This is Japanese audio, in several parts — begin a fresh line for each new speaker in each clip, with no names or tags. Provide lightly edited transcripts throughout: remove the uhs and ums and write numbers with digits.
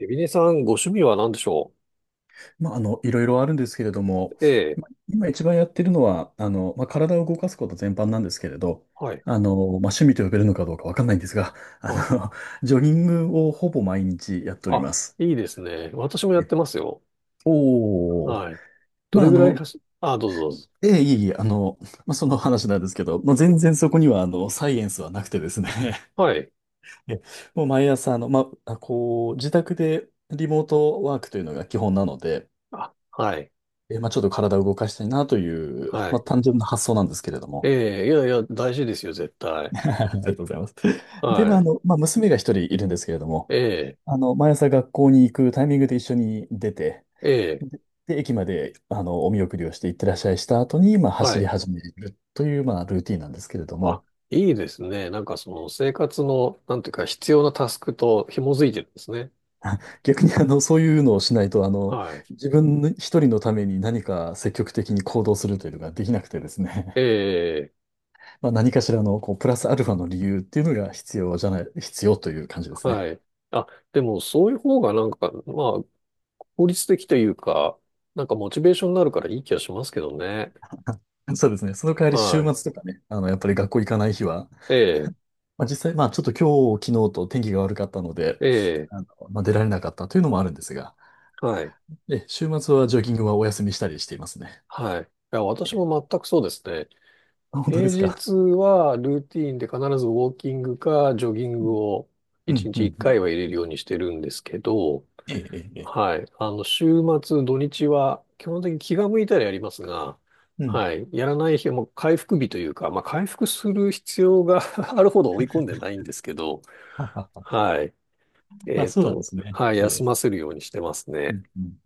エビネさん、ご趣味は何でしょ
いろいろあるんですけれども、
う？ええ、
今一番やってるのは、体を動かすこと全般なんですけれど、
はい。
あの、まあ、趣味と呼べるのかどうかわかんないんですが、あ
あ、
の、ジョギングをほぼ毎日やっており
あ、
ます。
いいですね。私もやってますよ。
おお、
はい。ど
まあ、
れ
あ
ぐらい
の、
走、あ、どうぞどうぞ。
ええ、いえいえ、その話なんですけど、全然そこには、サイエンスはなくてですね、
はい。
えもう毎朝、こう、自宅でリモートワークというのが基本なので、
あ、はい。
ちょっと体を動かしたいなという、
はい。
単純な発想なんですけれど
え
も。
え、いやいや、大事ですよ、絶 対。
ありがとうございます。で、
はい。
娘が一人いるんですけれども、
ええ、
毎朝学校に行くタイミングで一緒に出て、
ええ、
で、駅まで、お見送りをして行ってらっしゃいした後に、
は
走り
い。
始めるという、ルーティンなんですけれど
あ、
も、
いいですね。なんかその生活の、なんていうか、必要なタスクと紐づいてるんですね。
逆に、そういうのをしないと、
はい。
自分一人のために何か積極的に行動するというのができなくてです
え
ね。
え、
何かしらのこうプラスアルファの理由っていうのが必要じゃない、必要という感じですね。
はい。あ、でもそういう方がなんか、まあ、効率的というか、なんかモチベーションになるからいい気がしますけどね。
そうですね。その代わり週
はい。
末とかね、やっぱり学校行かない日は、
ええ、
実際、ちょっと今日、昨日と天気が悪かったので、
ええ、
出られなかったというのもあるんですが、
はい。
で、週末はジョギングはお休みしたりしていますね。
はい。いや、私
え
も全くそうですね。
あ、本当で
平
すか？
日はルーティーンで必ずウォーキングかジョギン
う
グ
ん、
を
う
1
ん、う
日
ん。
1
うん
回は入れるようにしてるんですけど、
ええ、ええ、ええ
はい。あの、週末、土日は基本的に気が向いたらやりますが、
うん。
はい。やらない日はもう回復日というか、まあ回復する必要が あるほど追い込んでないんですけど、
ははは
はい。
あ、そうなんですね。
はい、
え
休
え、
ませるようにしてます
う
ね。
ん、うん。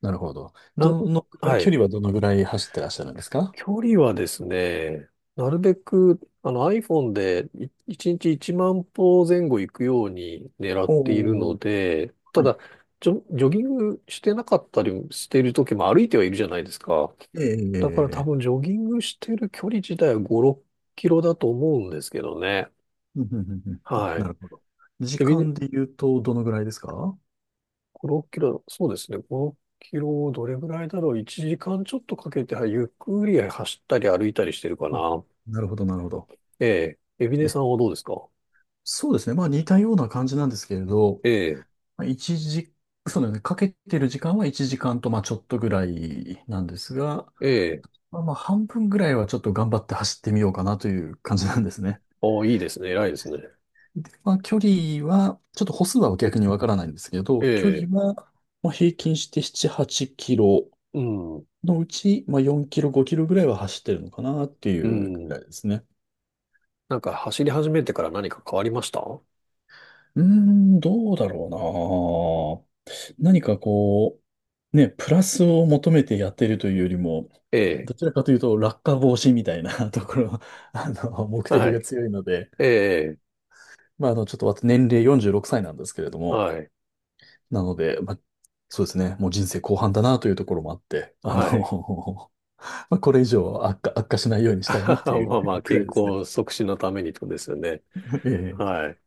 なるほど。
な、は
距
い。
離はどのぐらい走ってらっしゃるんですか？
距離はですね、なるべく、あの iPhone で1日1万歩前後行くように狙っ
お
ている
お
の
ー、
で、た
はい
だ、ジョギングしてなかったりしている時も歩いてはいるじゃないですか。
ええ、ええ、
だから多
ええ。
分ジョギングしてる距離自体は5、6キロだと思うんですけどね。
うんうんうんうんあ、
は
な
い。
るほど。時
エビ、
間で言うと、どのぐらいですか？
6キロ、そうですね。6キロをどれぐらいだろう。1時間ちょっとかけて、はいゆっくり走ったり歩いたりしてるか
あ、
な。
なるほど、なるほど。
ええ。エビネ
え、
さんはどうですか？
そうですね。似たような感じなんですけれど、
ええ、
まあ一時、そうだよね。かけてる時間は1時間と、ちょっとぐらいなんですが、
ええ。
まあ、半分ぐらいはちょっと頑張って走ってみようかなという感じなんですね。
いいですね。偉いですね。
で、距離は、ちょっと歩数は逆にわからないんですけ
え
ど、距離
え、
は、平均して7、8キロ
うん、
のうち、4キロ、5キロぐらいは走ってるのかなってい
う
うぐら
ん。
いですね。
なんか走り始めてから何か変わりました？
うーん、どうだろうな。何かこう、ね、プラスを求めてやってるというよりも、
ええ、
どちらかというと落下防止みたいな ところ、目
は
的が
い。
強いので、
ええ、
ちょっと私年齢46歳なんですけれども、
はい。
なので、そうですね、もう人生後半だなというところもあって、
はい。
これ以上悪化しないようにしたいなっ
ま
ていう
あまあ、
くら
健
いですね。
康促進のためにとですよね。
ええ
はい。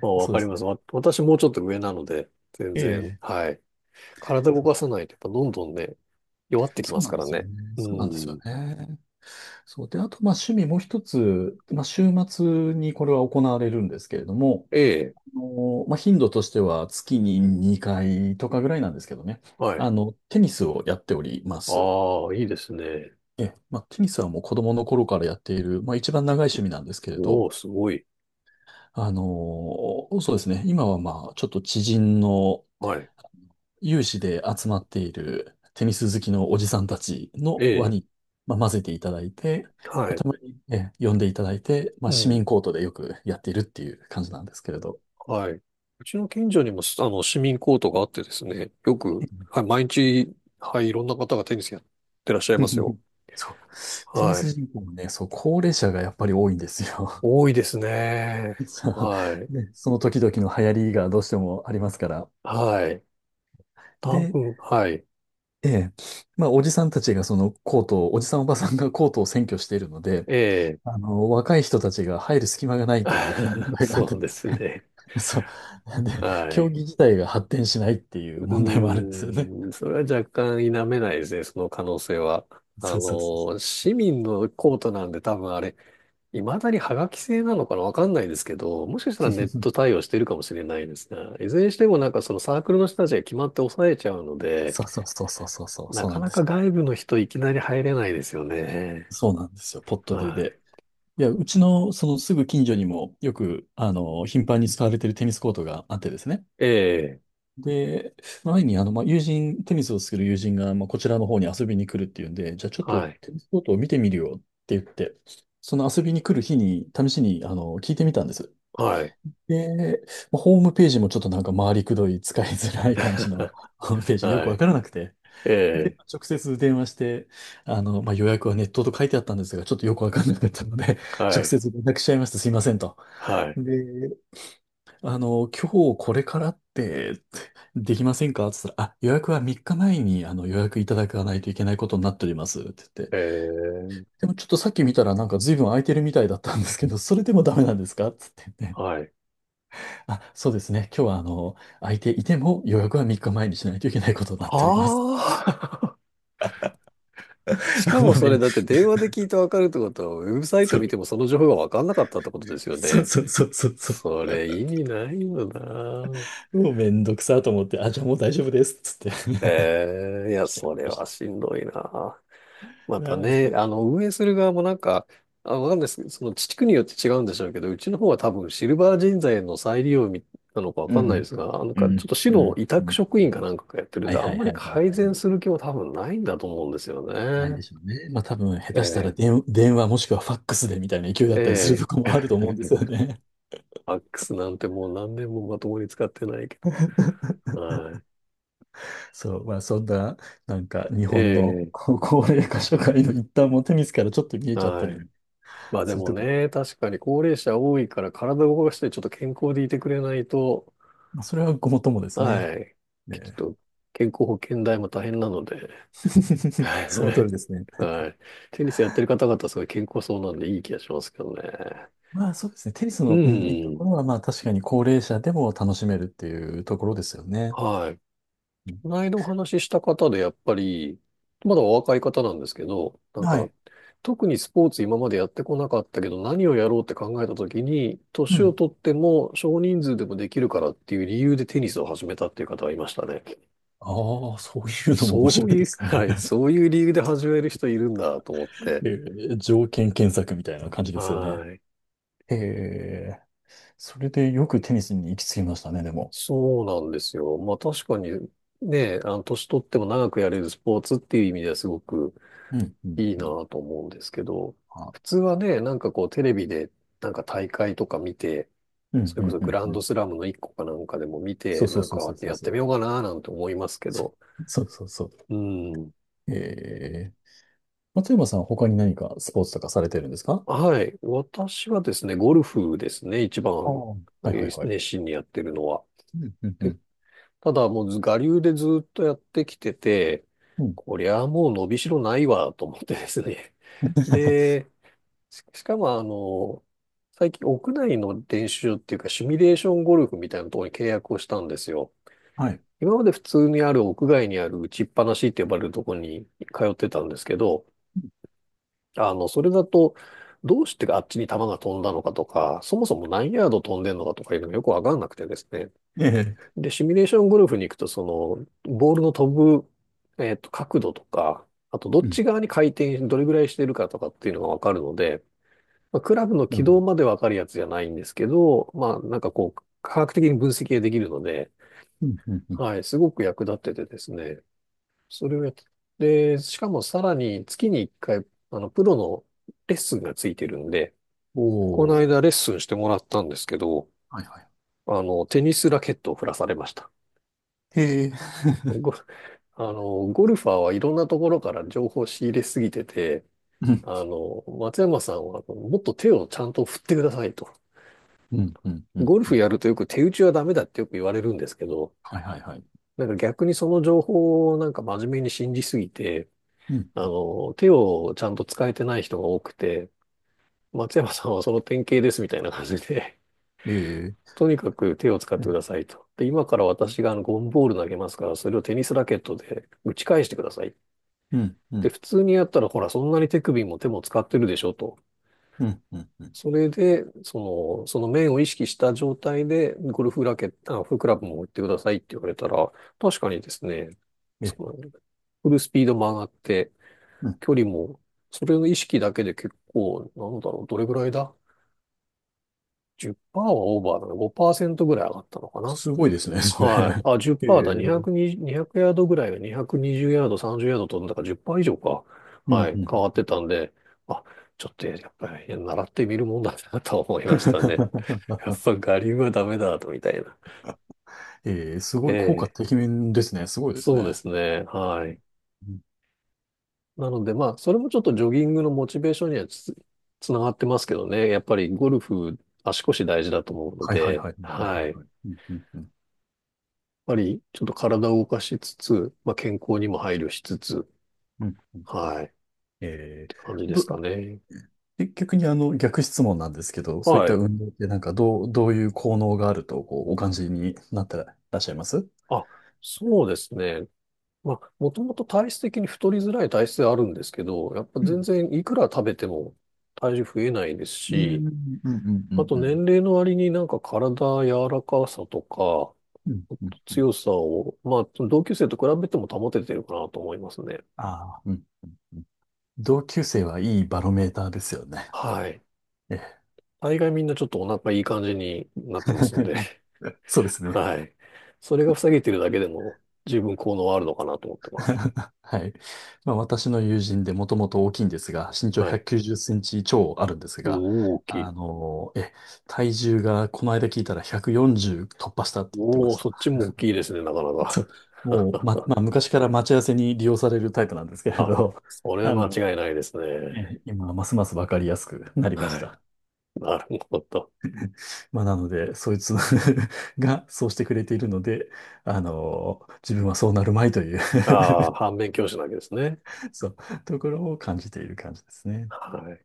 まあ、わ
そう
か
で
り
す。
ます。私もうちょっと上なので、全
え
然、
え、
はい。体動
そう
かさないと、やっぱどんどんね、弱ってき
そ
ま
う
す
な
か
んで
ら
すよね。
ね。う
そうなんですよ
ん。
ね。そう。で、あと、趣味もう一つ、週末にこれは行われるんですけれども、
ええ、
頻度としては月に2回とかぐらいなんですけどね。
はい。
テニスをやっております。
ああ、いいですね。
え、テニスはもう子供の頃からやっている、一番長い趣味なんですけれ
お
ど、
お、すごい。
あの、そうですね。今はちょっと知人の、
はい。
有志で集まっているテニス好きのおじさんたちの
え
輪
え、
に、混ぜていただいて、
はい。
たまに、呼んでいただいて、
う
市
ん、
民コートでよくやっているっていう感じなんですけれど。
はい。うちの近所にも、あの、市民コートがあってですね、よく、はい、毎日、はい、いろんな方がテニスやってらっしゃいます よ。
そう。テニ
は
ス
い。
人口もね、そう、高齢者がやっぱり多いんですよ。
多いですね。
そ
はい。
うね、その時々の流行りがどうしてもありますから。
はい。多
で、
分、はい。
ええ、おじさんたちがそのコートを、おじさんおばさんがコートを占拠しているので、
ええ。
若い人たちが入る隙間がないという 問 題があって
そうですね。
そう。なんで、
は
競
い。
技自体が発展しないっていう
う
問題もあるんですよね。
ーん、それは若干否めないですね、その可能性は。あ
そうそうそうそ
の、市民のコートなんで多分あれ、未だにハガキ製なのかなわかんないですけど、もしかしたらネッ
う。
ト対応してるかもしれないですね。いずれにしてもなんかそのサークルの人たちが決まって抑えちゃうの で、
そうそうそうそうそうそう、
な
そう
か
なん
な
で
か
す。
外部の人いきなり入れないですよね。
そうなんですよ、ポットでで。
は
いや、うちのそのすぐ近所にもよく、頻繁に使われてるテニスコートがあってですね。
い。ええ、
で、前に友人、テニスをする友人が、こちらの方に遊びに来るっていうんで、じゃあちょっと
はい。
テニスコートを見てみるよって言って、その遊びに来る日に試しに、聞いてみたんです。
はい。
ええホームページもちょっとなんか回りくどい、使いづらい感じの ホームページ、よく
は
わ
い。
からなくて。
え
で、
え、
直接電話して、予約はネットと書いてあったんですが、ちょっとよくわかんなかったので、
は
直
い。
接連絡しちゃいました。すいませんと。
はい。
で、今日これからって、できませんかって言ったら、あ、予約は3日前に予約いただかないといけないことになっておりますって言って、
ええ、
でもちょっとさっき見たらなんか随分空いてるみたいだったんですけど、それでもダメなんですかって言ってね。
はい。
あ、そうですね。今日は、空いていても予約は3日前にしないといけないことになっております。
はあ。しか
も
も
う
そ
め
れ
ん、
だって電話で聞いてわかるってことは、ウェブサイト
そう、
見てもその情報がわかんなかったってことですよ
そう
ね。
そうそうそうそう。
それ意 味ないよな。
もうめんどくさと思って、あ、じゃあもう大丈夫です。つって
へえ、い や、
来ちゃい
それ
まし
は
た。
しんどいな。ま
あ
た
ー
ね、
こ
あの、運営する側もなんか、あ、わかんないですけど、その地区によって違うんでしょうけど、うちの方は多分シルバー人材の再利用なのかわ
う
かんないで
ん、
すが、なん
う
かちょっ
ん、
と市
う
の
ん、
委
う
託
ん。
職員かなんかがやってるん
は
で、
い
あ
は
ん
い
ま
は
り
いはい
改
は
善す
い。
る気も多分ないんだと思うんですよ
ないで
ね。
しょうね。多分、下手したら
え
電話もしくはファックスでみたいな勢い
え、
だったりすると
え
こもあると思う
え。
んですよね。
ファックスなんてもう何年もまともに使ってないけど。はい。
そう、まあそんな、なんか日
え
本の
え、
高齢化社会の一端もテニスからちょっと見えちゃった
は
り
い。まあで
する
も
ところ。
ね、確かに高齢者多いから体を動かしてちょっと健康でいてくれないと、
まあ、それはごもっともですね。
はい。ち
ね。
ょっと健康保険代も大変なので、はい。
その
は
通り
い
ですね。
はい。テニスやってる方々すごい健康そうなんでいい気がしますけどね。
まあそうですね。テニス
う
の、うん、いいと
ん。
ころは、確かに高齢者でも楽しめるっていうところですよね。
はい。
うん
この間お話しした方で、やっぱり、まだお若い方なんですけど、なん
は
か、
い。
特にスポーツ今までやってこなかったけど、何をやろうって考えた時に、
う
年を
ん。
取っても少人数でもできるからっていう理由でテニスを始めたっていう方がいましたね。
ああ、そういうのも面
そ
白
う
い
い
で
う、
す
は
ね。
い、そういう理由で始める人いるんだと思って。
え条件検索みたいな感じですよね。
はい。
ええ、それでよくテニスに行き着きましたね、でも。
そうなんですよ。まあ確かに、ね、あの、年取っても長くやれるスポーツっていう意味ではすごく、
うん、うん、
いい
う
な
ん。
ぁと思うんですけど、
あ、
普通はね、なんかこうテレビでなんか大会とか見て、
うん、
それ
う
こ
ん、
そ
う
グ
ん、
ラン
うん。
ドスラムの一個かなんかでも見て、
そうそ
な
う
ん
そうそ
か
うそう
やっ
そ
てみ
う。
ようかなぁなんて思いますけ
そ
ど、
そうそうそう。
うん。
ええ、松山さん、他に何かスポーツとかされてるんですか？
はい。私はですね、ゴルフですね、一
ああ、
番
うんはいはいはい。
熱心にやってるのは。
うんうんう
で、
ん。
ただもうず我流でずっとやってきてて、
うん
こりゃもう伸びしろないわと思ってですね。で、しかも、あの、最近屋内の練習っていうか、シミュレーションゴルフみたいなところに契約をしたんですよ。
はい。
今まで普通にある屋外にある打ちっぱなしって呼ばれるところに通ってたんですけど、あの、それだと、どうしてあっちに球が飛んだのかとか、そもそも何ヤード飛んでんのかとかいうのがよくわかんなくてですね。
ええ。
で、シミュレーションゴルフに行くと、その、ボールの飛ぶ、角度とか、あと、ど
う
っ
ん。
ち側に回転、どれぐらいしてるかとかっていうのがわかるので、まあ、クラブの
な
軌
るほ
道
ど。
までわかるやつじゃないんですけど、まあ、なんかこう、科学的に分析ができるので、
うんうんうん。
はい、すごく役立っててですね、それをやって、で、しかもさらに月に1回、あの、プロのレッスンがついてるんで、
お
この
お。
間レッスンしてもらったんですけど、
はいはい。
あの、テニスラケットを振らされました。
へえ。
ゴあの、ゴルファーはいろんなところから情報を仕入れすぎてて、
うん
あの、松山さんはもっと手をちゃんと振ってくださいと。
うんうんうん
ゴル
う
フ
ん。
やるとよく手打ちはダメだってよく言われるんですけど、
はいはいはい。
なんか逆にその情報をなんか真面目に信じすぎて、
う
あ
ん。
の、手をちゃんと使えてない人が多くて、松山さんはその典型ですみたいな感じで、
ええ。
とにかく手を使っ
う
てく
ん
ださいと。で、今から私があのゴンボール投げますから、それをテニスラケットで打ち返してください。
うんう
で、
ん
普通にやったらほら、そんなに手首も手も使ってるでしょと。
うんうん。
それで、の、その面を意識した状態で、ゴルフラケット、あ、フクラブも打ってくださいって言われたら、確かにですね、
え、
その、フルスピードも上がって、
うん。
距離も、それの意識だけで結構、なんだろう、どれぐらいだ？ 10% はオーバーだな、5%ぐらい上がったのかな？
すごいですね、それ。
はい。あ、
ええ。
10%だ。
う
220、200ヤードぐらいが220ヤード、30ヤード飛んだから10%以上か。
んう
は
ん
い。変わっ
う
て
ん。
たんで、あ、ちょっとやっぱり習ってみるもんだなと思いましたね。やっぱ我流はダメだと、みたいな。
ええ、す
え
ごい、効果
え、
てきめんですね。すごいです
そうで
ね。
すね。はい。
うん
なので、まあ、それもちょっとジョギングのモチベーションにはつながってますけどね。やっぱりゴルフ、足腰大事だと思うの
はいはいはい。
で、
はいはい
は
は
い。
い。
やっ
うんうんうん。
ぱりちょっと体を動かしつつ、まあ、健康にも配慮しつつ、
うん
はい。
え
感じ
ー、
で
ど、
すかね。
で逆に逆質問なんですけど、そういっ
は
た
い。
運動ってなんかどういう効能があるとこうお感じになってらっしゃいます？
あ、そうですね。まあ、もともと体質的に太りづらい体質ではあるんですけど、やっぱ
う
全
ん、
然いくら食べても体重増えないです
うん、
し、
うん、うん、う
あ
ん
と
う
年
ん。
齢の割になんか体柔らかさとか
うんうんうん
強さを、まあ、同級生と比べても保ててるかなと思いますね。
ああ、うん。うん同級生はいいバロメーターですよね。
はい。
ええ。
大概みんなちょっとお腹いい感じになってますんで、
そうで すね。
はい。それが塞げてるだけでも十分効能はあるのかなと思ってます。
はい。まあ、私の友人でもともと大きいんですが、身長
はい。
190センチ超あるんです
お
が、
大き
あ
い。
のえ、体重がこの間聞いたら140突破したって言ってま
おお、
し
そっち
た。
も大きいですね、なかな
そ
か。
う。もう、まあ、昔から待ち合わせに利用されるタイプなんですけ れ
あ、
ど、
そ れは
あ
間
の、
違いないですね。
今、ますますわかりやすくなりまし
はい。
た。
なるほど。
まあ、なので、そいつ がそうしてくれているので、自分はそうなるまいという
ああ、反面教師なわけですね。
そう、ところを感じている感じですね。
はい。